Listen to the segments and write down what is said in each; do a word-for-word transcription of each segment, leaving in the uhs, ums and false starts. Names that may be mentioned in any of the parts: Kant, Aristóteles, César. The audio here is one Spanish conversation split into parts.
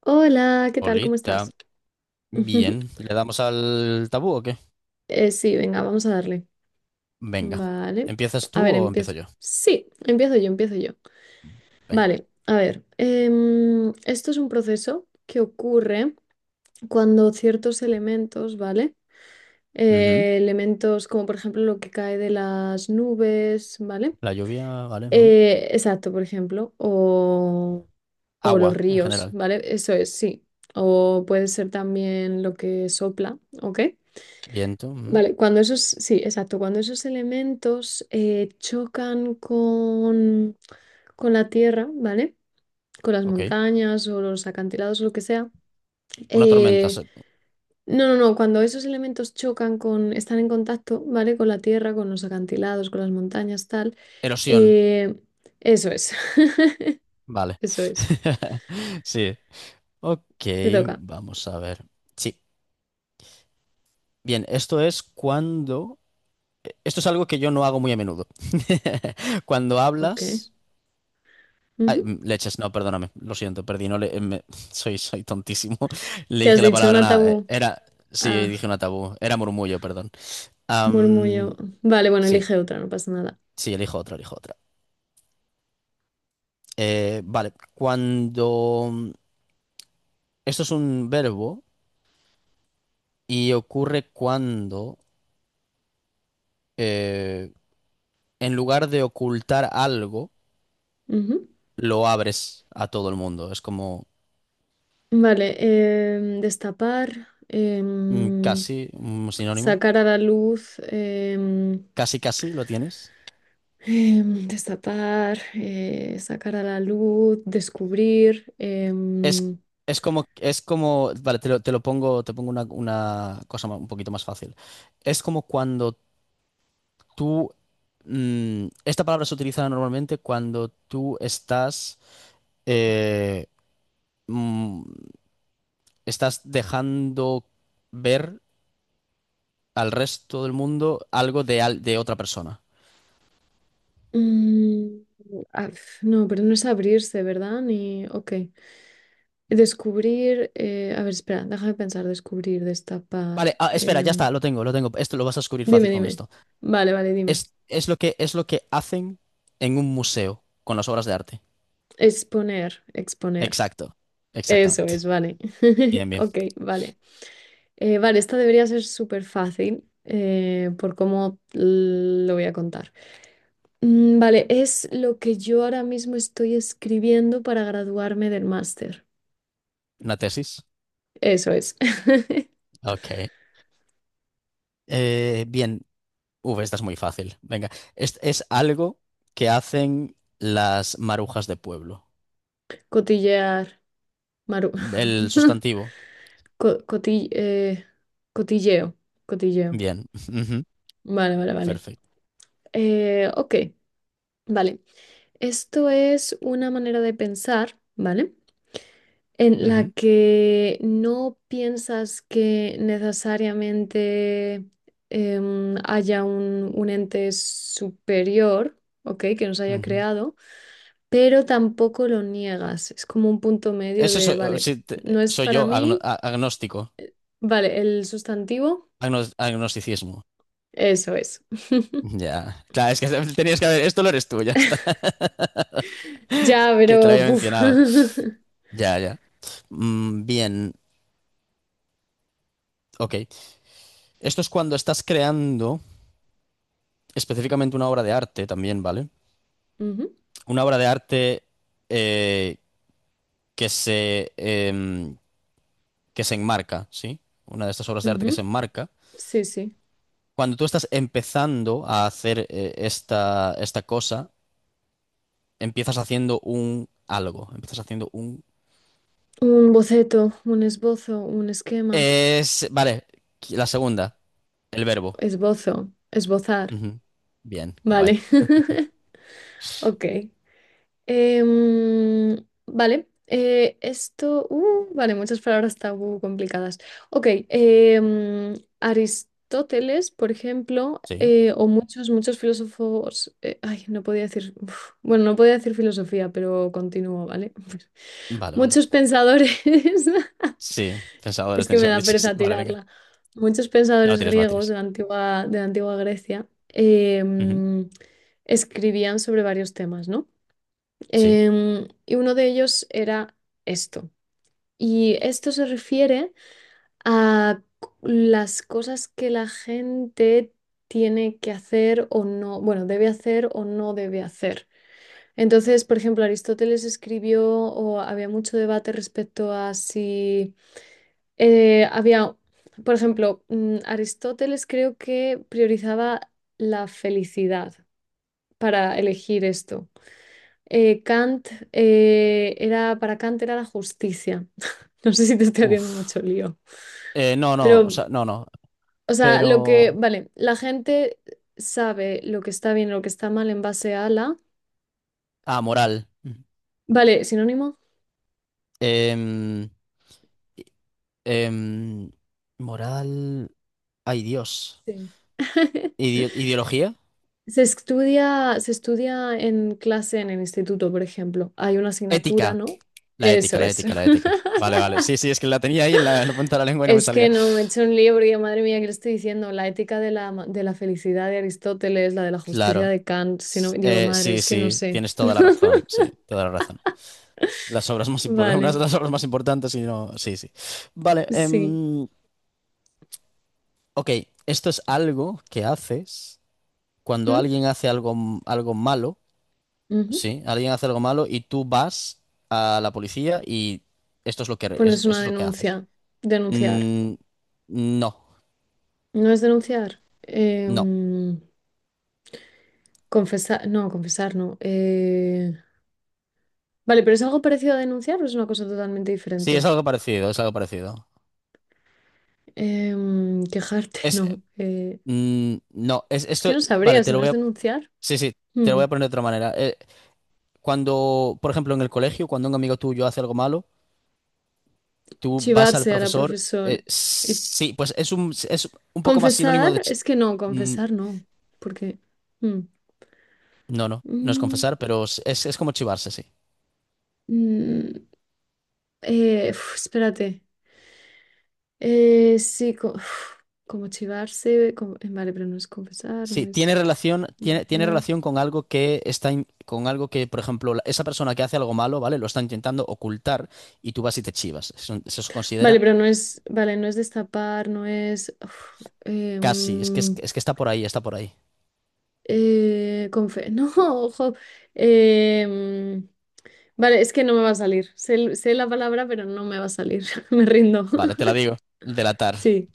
Hola, ¿qué tal? ¿Cómo Polita, estás? Ujú. bien. ¿Le damos al tabú o qué? Eh, sí, venga, vamos a darle. Venga. Vale. ¿Empiezas A tú ver, o empiezo empiezo. yo? Sí, empiezo yo, empiezo yo. Venga. Vale, a ver. Em, esto es un proceso que ocurre cuando ciertos elementos, ¿vale? Ujú. Eh, elementos como por ejemplo lo que cae de las nubes, ¿vale? La lluvia, vale. Ujú. Eh, exacto, por ejemplo, o, o los Agua, en ríos, general. ¿vale? Eso es, sí. O puede ser también lo que sopla, ¿ok? Viento, ujú. Vale, cuando esos, sí, exacto, cuando esos elementos eh, chocan con, con la tierra, ¿vale? Con las Ok. montañas o los acantilados o lo que sea. Una tormenta, eh, se- no, no, no, cuando esos elementos chocan con, están en contacto, ¿vale? Con la tierra, con los acantilados, con las montañas, tal. erosión, eh, Eso es, vale. eso es. Sí. Ok, Te toca. vamos a ver. Sí. Bien, esto es cuando... Esto es algo que yo no hago muy a menudo. Cuando Ok. hablas... Ay, Ujú. mm, leches, no, perdóname, lo siento, perdí, no le, eh, me- soy, soy tontísimo. Le ¿Qué has dije la dicho? palabra Una nada, eh, tabú. era, sí, Ah, dije una tabú, era murmullo, perdón. Am, murmullo. Vale, bueno, sí, elige otra, no pasa sí, elijo otra, elijo otra. Eh, vale, cuando, esto es un verbo y ocurre cuando, eh, en lugar de ocultar algo, nada. lo abres a todo el mundo. Es como Vale, em, destapar, mm, em, casi un sinónimo, sacar a la luz, em, casi, casi lo tienes. em, destapar, eh, sacar a la luz, descubrir. Es, em, es como, es como, vale, te lo, te lo pongo, te pongo una, una cosa ma- un poquito más fácil. Es como cuando tú, mm, esta palabra se utiliza normalmente cuando tú estás, eh, mm, estás dejando ver al resto del mundo algo de, al- de otra persona. mm, ah, f- no, pero no es abrirse, ¿verdad? Ni, ok. Descubrir, eh, a ver, espera, déjame pensar, descubrir, Vale, destapar. ah, espera, ya em, está, lo tengo, lo tengo. Esto lo vas a descubrir dime, fácil con dime. esto. Vale, vale, dime. Es, es lo que, es lo que hacen en un museo con las obras de arte. Exponer, exponer. Exacto, Eso exactamente. es, vale. Bien, bien. Ok, vale. Eh, vale, esta debería ser súper fácil eh, por cómo l- lo voy a contar. Mm, vale, es lo que yo ahora mismo estoy escribiendo para graduarme del máster. ¿Una tesis? Eso es. Ok. Eh, bien. Uf, esta es muy fácil. Venga, es, es algo que hacen las marujas de pueblo. Cotillear, Maru. El sustantivo. Co- coti- eh, cotilleo, cotilleo. Bien. Ujú. Vale, vale, vale. Perfecto. Eh, ok, vale. Esto es una manera de pensar, ¿vale? En la Ujú. que no piensas que necesariamente em, haya un, un ente superior, ¿ok? Que nos haya Ujú. creado, pero tampoco lo niegas. Es como un punto medio Ese de, soy, o- vale, sí, te- no es soy para yo, agno- mí, a- agnóstico. vale, el sustantivo, Agnos- agnosticismo. eso es. Ya. Claro, es que tenías que haber. Esto lo eres tú, ya está. Ya, Que te lo pero... había buf. mencionado. Ya, ya. Mm, bien. Ok. Esto es cuando estás creando específicamente una obra de arte también, ¿vale? Ujú, Una obra de arte eh, que se, em, que se enmarca, ¿sí? Una de estas obras de arte que se ujú. enmarca. Sí, sí. Cuando tú estás empezando a hacer eh, esta, esta cosa, empiezas haciendo un algo, empiezas haciendo un... Un boceto, un esbozo, un esquema. Es, vale, la segunda, el verbo. Esbozo, esbozar. Ujú. Bien, guay. Vale. Ok. Em, vale. eh, esto. uh, vale, muchas palabras tabú complicadas. Ok. em, Aristóteles, por ejemplo, Sí. eh, o muchos, muchos filósofos. eh, ay, no podía decir. Uf, bueno, no podía decir filosofía, pero continúo, ¿vale? Vale, vale. Muchos pensadores. Sí, pensadores Es que tenéis me que haber da dicho, sí. pereza Vale, venga. tirarla. Muchos No pensadores tires, no griegos tires. de la antigua, de la antigua Grecia Ujú. em, escribían sobre varios temas, ¿no? Sí. Em, y uno de ellos era esto. Y esto se refiere a c- las cosas que la gente tiene que hacer o no, bueno, debe hacer o no debe hacer. Entonces, por ejemplo, Aristóteles escribió o había mucho debate respecto a si eh, había, por ejemplo, mm, Aristóteles creo que priorizaba la felicidad para elegir esto. Eh, Kant eh, era, para Kant era la justicia. No sé si te estoy haciendo Uf. mucho lío. Eh, no, no, o Pero, sea, no, no. o sea, lo Pero... que, vale, la gente sabe lo que está bien, y lo que está mal en base a la. Ah, moral. Vale, sinónimo. Em, em, moral. Ay, Dios. Sí. Ideo- ideología. Se estudia, se estudia en clase en el instituto, por ejemplo. Hay una asignatura, Ética. ¿no? La Eso ética, la es. ética, la ética. Vale, vale. Sí, sí, es que la tenía ahí en la, en la punta de la lengua y no me Es que salía. no, me he hecho un libro y yo, madre mía, ¿qué le estoy diciendo? La ética de la, ma- de la felicidad de Aristóteles, la de la justicia Claro. de Kant, si no, S- digo, eh, madre, sí, es que no sí, sé. tienes toda la razón. Sí, toda la razón. Las obras más importantes, una de Vale, las obras más importantes y no. Sí, sí. Vale. sí. Em, ok, esto es algo que haces cuando ¿Mm? alguien hace algo, m- algo malo. Ujú. Sí, alguien hace algo malo y tú vas a la policía y esto es lo que, Pones esto, es una lo que haces. denuncia, denunciar. Mm, no, ¿No es denunciar? no. Em, confesar, no, confesar no. Eh, vale, pero ¿es algo parecido a denunciar o es una cosa totalmente diferente? Sí, es algo parecido, es algo parecido. Em, quejarte, Es, no. Eh, mm, no, es es que esto, no sabría vale, si te lo no voy es a, denunciar. sí, sí, te lo voy Hmm. a poner de otra manera. Eh, cuando, por ejemplo, en el colegio, cuando un amigo tuyo hace algo malo, tú vas al Chivarse a la profesor, profesor. eh, sí, pues es un, es un poco más Confesar sinónimo de, chi- es que no, mm, confesar no, porque... mm, no, no, no es mm, confesar, pero es, es como chivarse, sí. mm, eh, uf, espérate. Eh, sí, co- uf, como chivarse, como- eh, vale, pero no es confesar, no Sí, es tiene relación, tiene, tiene denunciar. relación con algo que está, in- con algo que, por ejemplo, la- esa persona que hace algo malo, ¿vale? Lo está intentando ocultar y tú vas y te chivas. Eso, eso se Vale, considera pero no es, vale, no es destapar, no es... uf, eh, casi, es que, es, mm, es que está por ahí, está por ahí. eh, confe- no, ojo. eh, mm, vale, es que no me va a salir. Sé, sé la palabra, pero no me va a salir. Me rindo. Vale, te la digo. Delatar. Sí.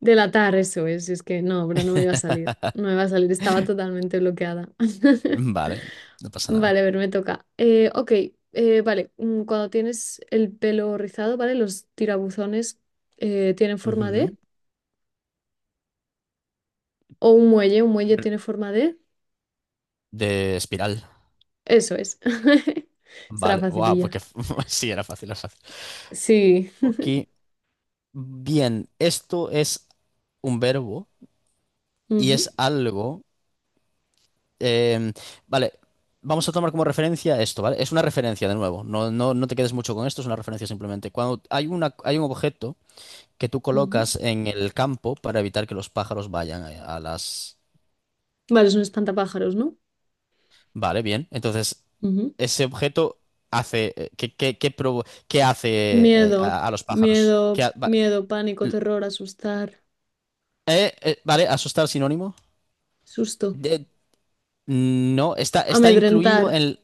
Delatar, eso es. Es que no, pero no me iba a salir. No me iba a salir, estaba totalmente bloqueada. Vale, no pasa nada. Vale, a ver, me toca. Eh, ok, eh, vale. mm, Cuando tienes el pelo rizado, ¿vale? Los tirabuzones eh, tienen forma de. Ujú. O un muelle, un muelle tiene forma de. De espiral. Eso es. Será Vale, wow, facililla. porque sí, era fácil, era fácil. Sí. Ok, bien, esto es un verbo y Ujú, es algo. Eh, vale, vamos a tomar como referencia esto, ¿vale? Es una referencia de nuevo, no, no, no te quedes mucho con esto, es una referencia simplemente. Cuando hay una, hay un objeto que tú ujú. colocas en el campo para evitar que los pájaros vayan a, a las... Vale, es un espantapájaros, ¿no? Vale, bien. Entonces, Ujú. ese objeto hace... eh, ¿qué, qué, qué provo- qué hace eh, Miedo, a, a los pájaros? ¿Qué miedo, ha- va- miedo, pánico, l- terror, asustar, eh, eh, vale, asustar sinónimo. susto, De- no, está, está incluido amedrentar. en,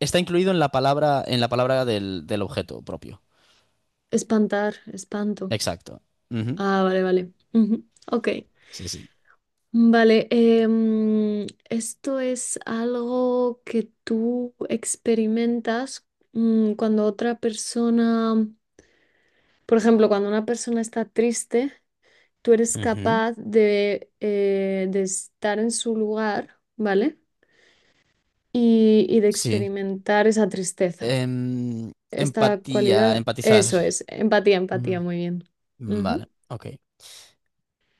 está incluido en la palabra, en la palabra del, del objeto propio. Espantar, espanto. Exacto. Ujú. Ah, vale, vale. Ujú, ok. Sí, sí. Vale, em, esto es algo que tú experimentas mm, cuando otra persona, por ejemplo, cuando una persona está triste, tú eres Ujú. capaz de, eh, de estar en su lugar, ¿vale? Y, y de Sí. experimentar esa tristeza, Em, esta empatía, cualidad. empatizar. Eso es, empatía, empatía, Ujú. muy bien. Vale, Ujú. ok.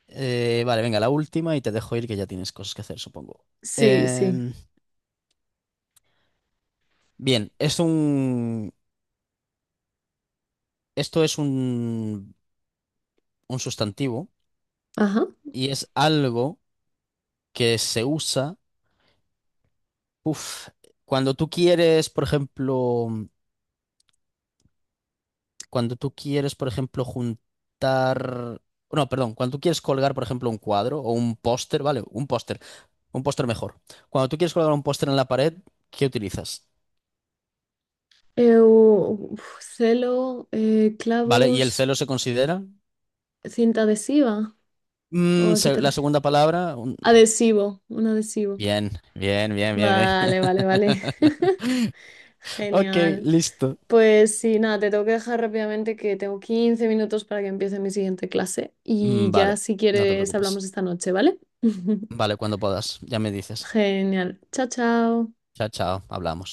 Eh, vale, venga, la última y te dejo ir que ya tienes cosas que hacer, supongo. Sí, sí. Em, bien, es un, esto es un, un sustantivo Ajá. y es algo que se usa, uf, cuando tú quieres, por ejemplo. Cuando tú quieres, por ejemplo, juntar... No, perdón, cuando tú quieres colgar, por ejemplo, un cuadro o un póster, ¿vale? Un póster, un póster mejor. Cuando tú quieres colgar un póster en la pared, ¿qué utilizas? Eh, u- uf, celo, eh, ¿Vale? ¿Y el clavos, celo se considera? cinta adhesiva. ¿O Mm, a qué se- te la refieres? segunda palabra. Un- Adhesivo, un adhesivo. bien, bien, bien, bien, bien. Vale, vale, vale. Ok, Genial. listo. Pues sí, nada, te tengo que dejar rápidamente que tengo quince minutos para que empiece mi siguiente clase y Mm, vale, ya si no te quieres preocupes. hablamos esta noche, ¿vale? Vale, cuando puedas, ya me dices. Genial. Chao, chao. Chao, chao, hablamos.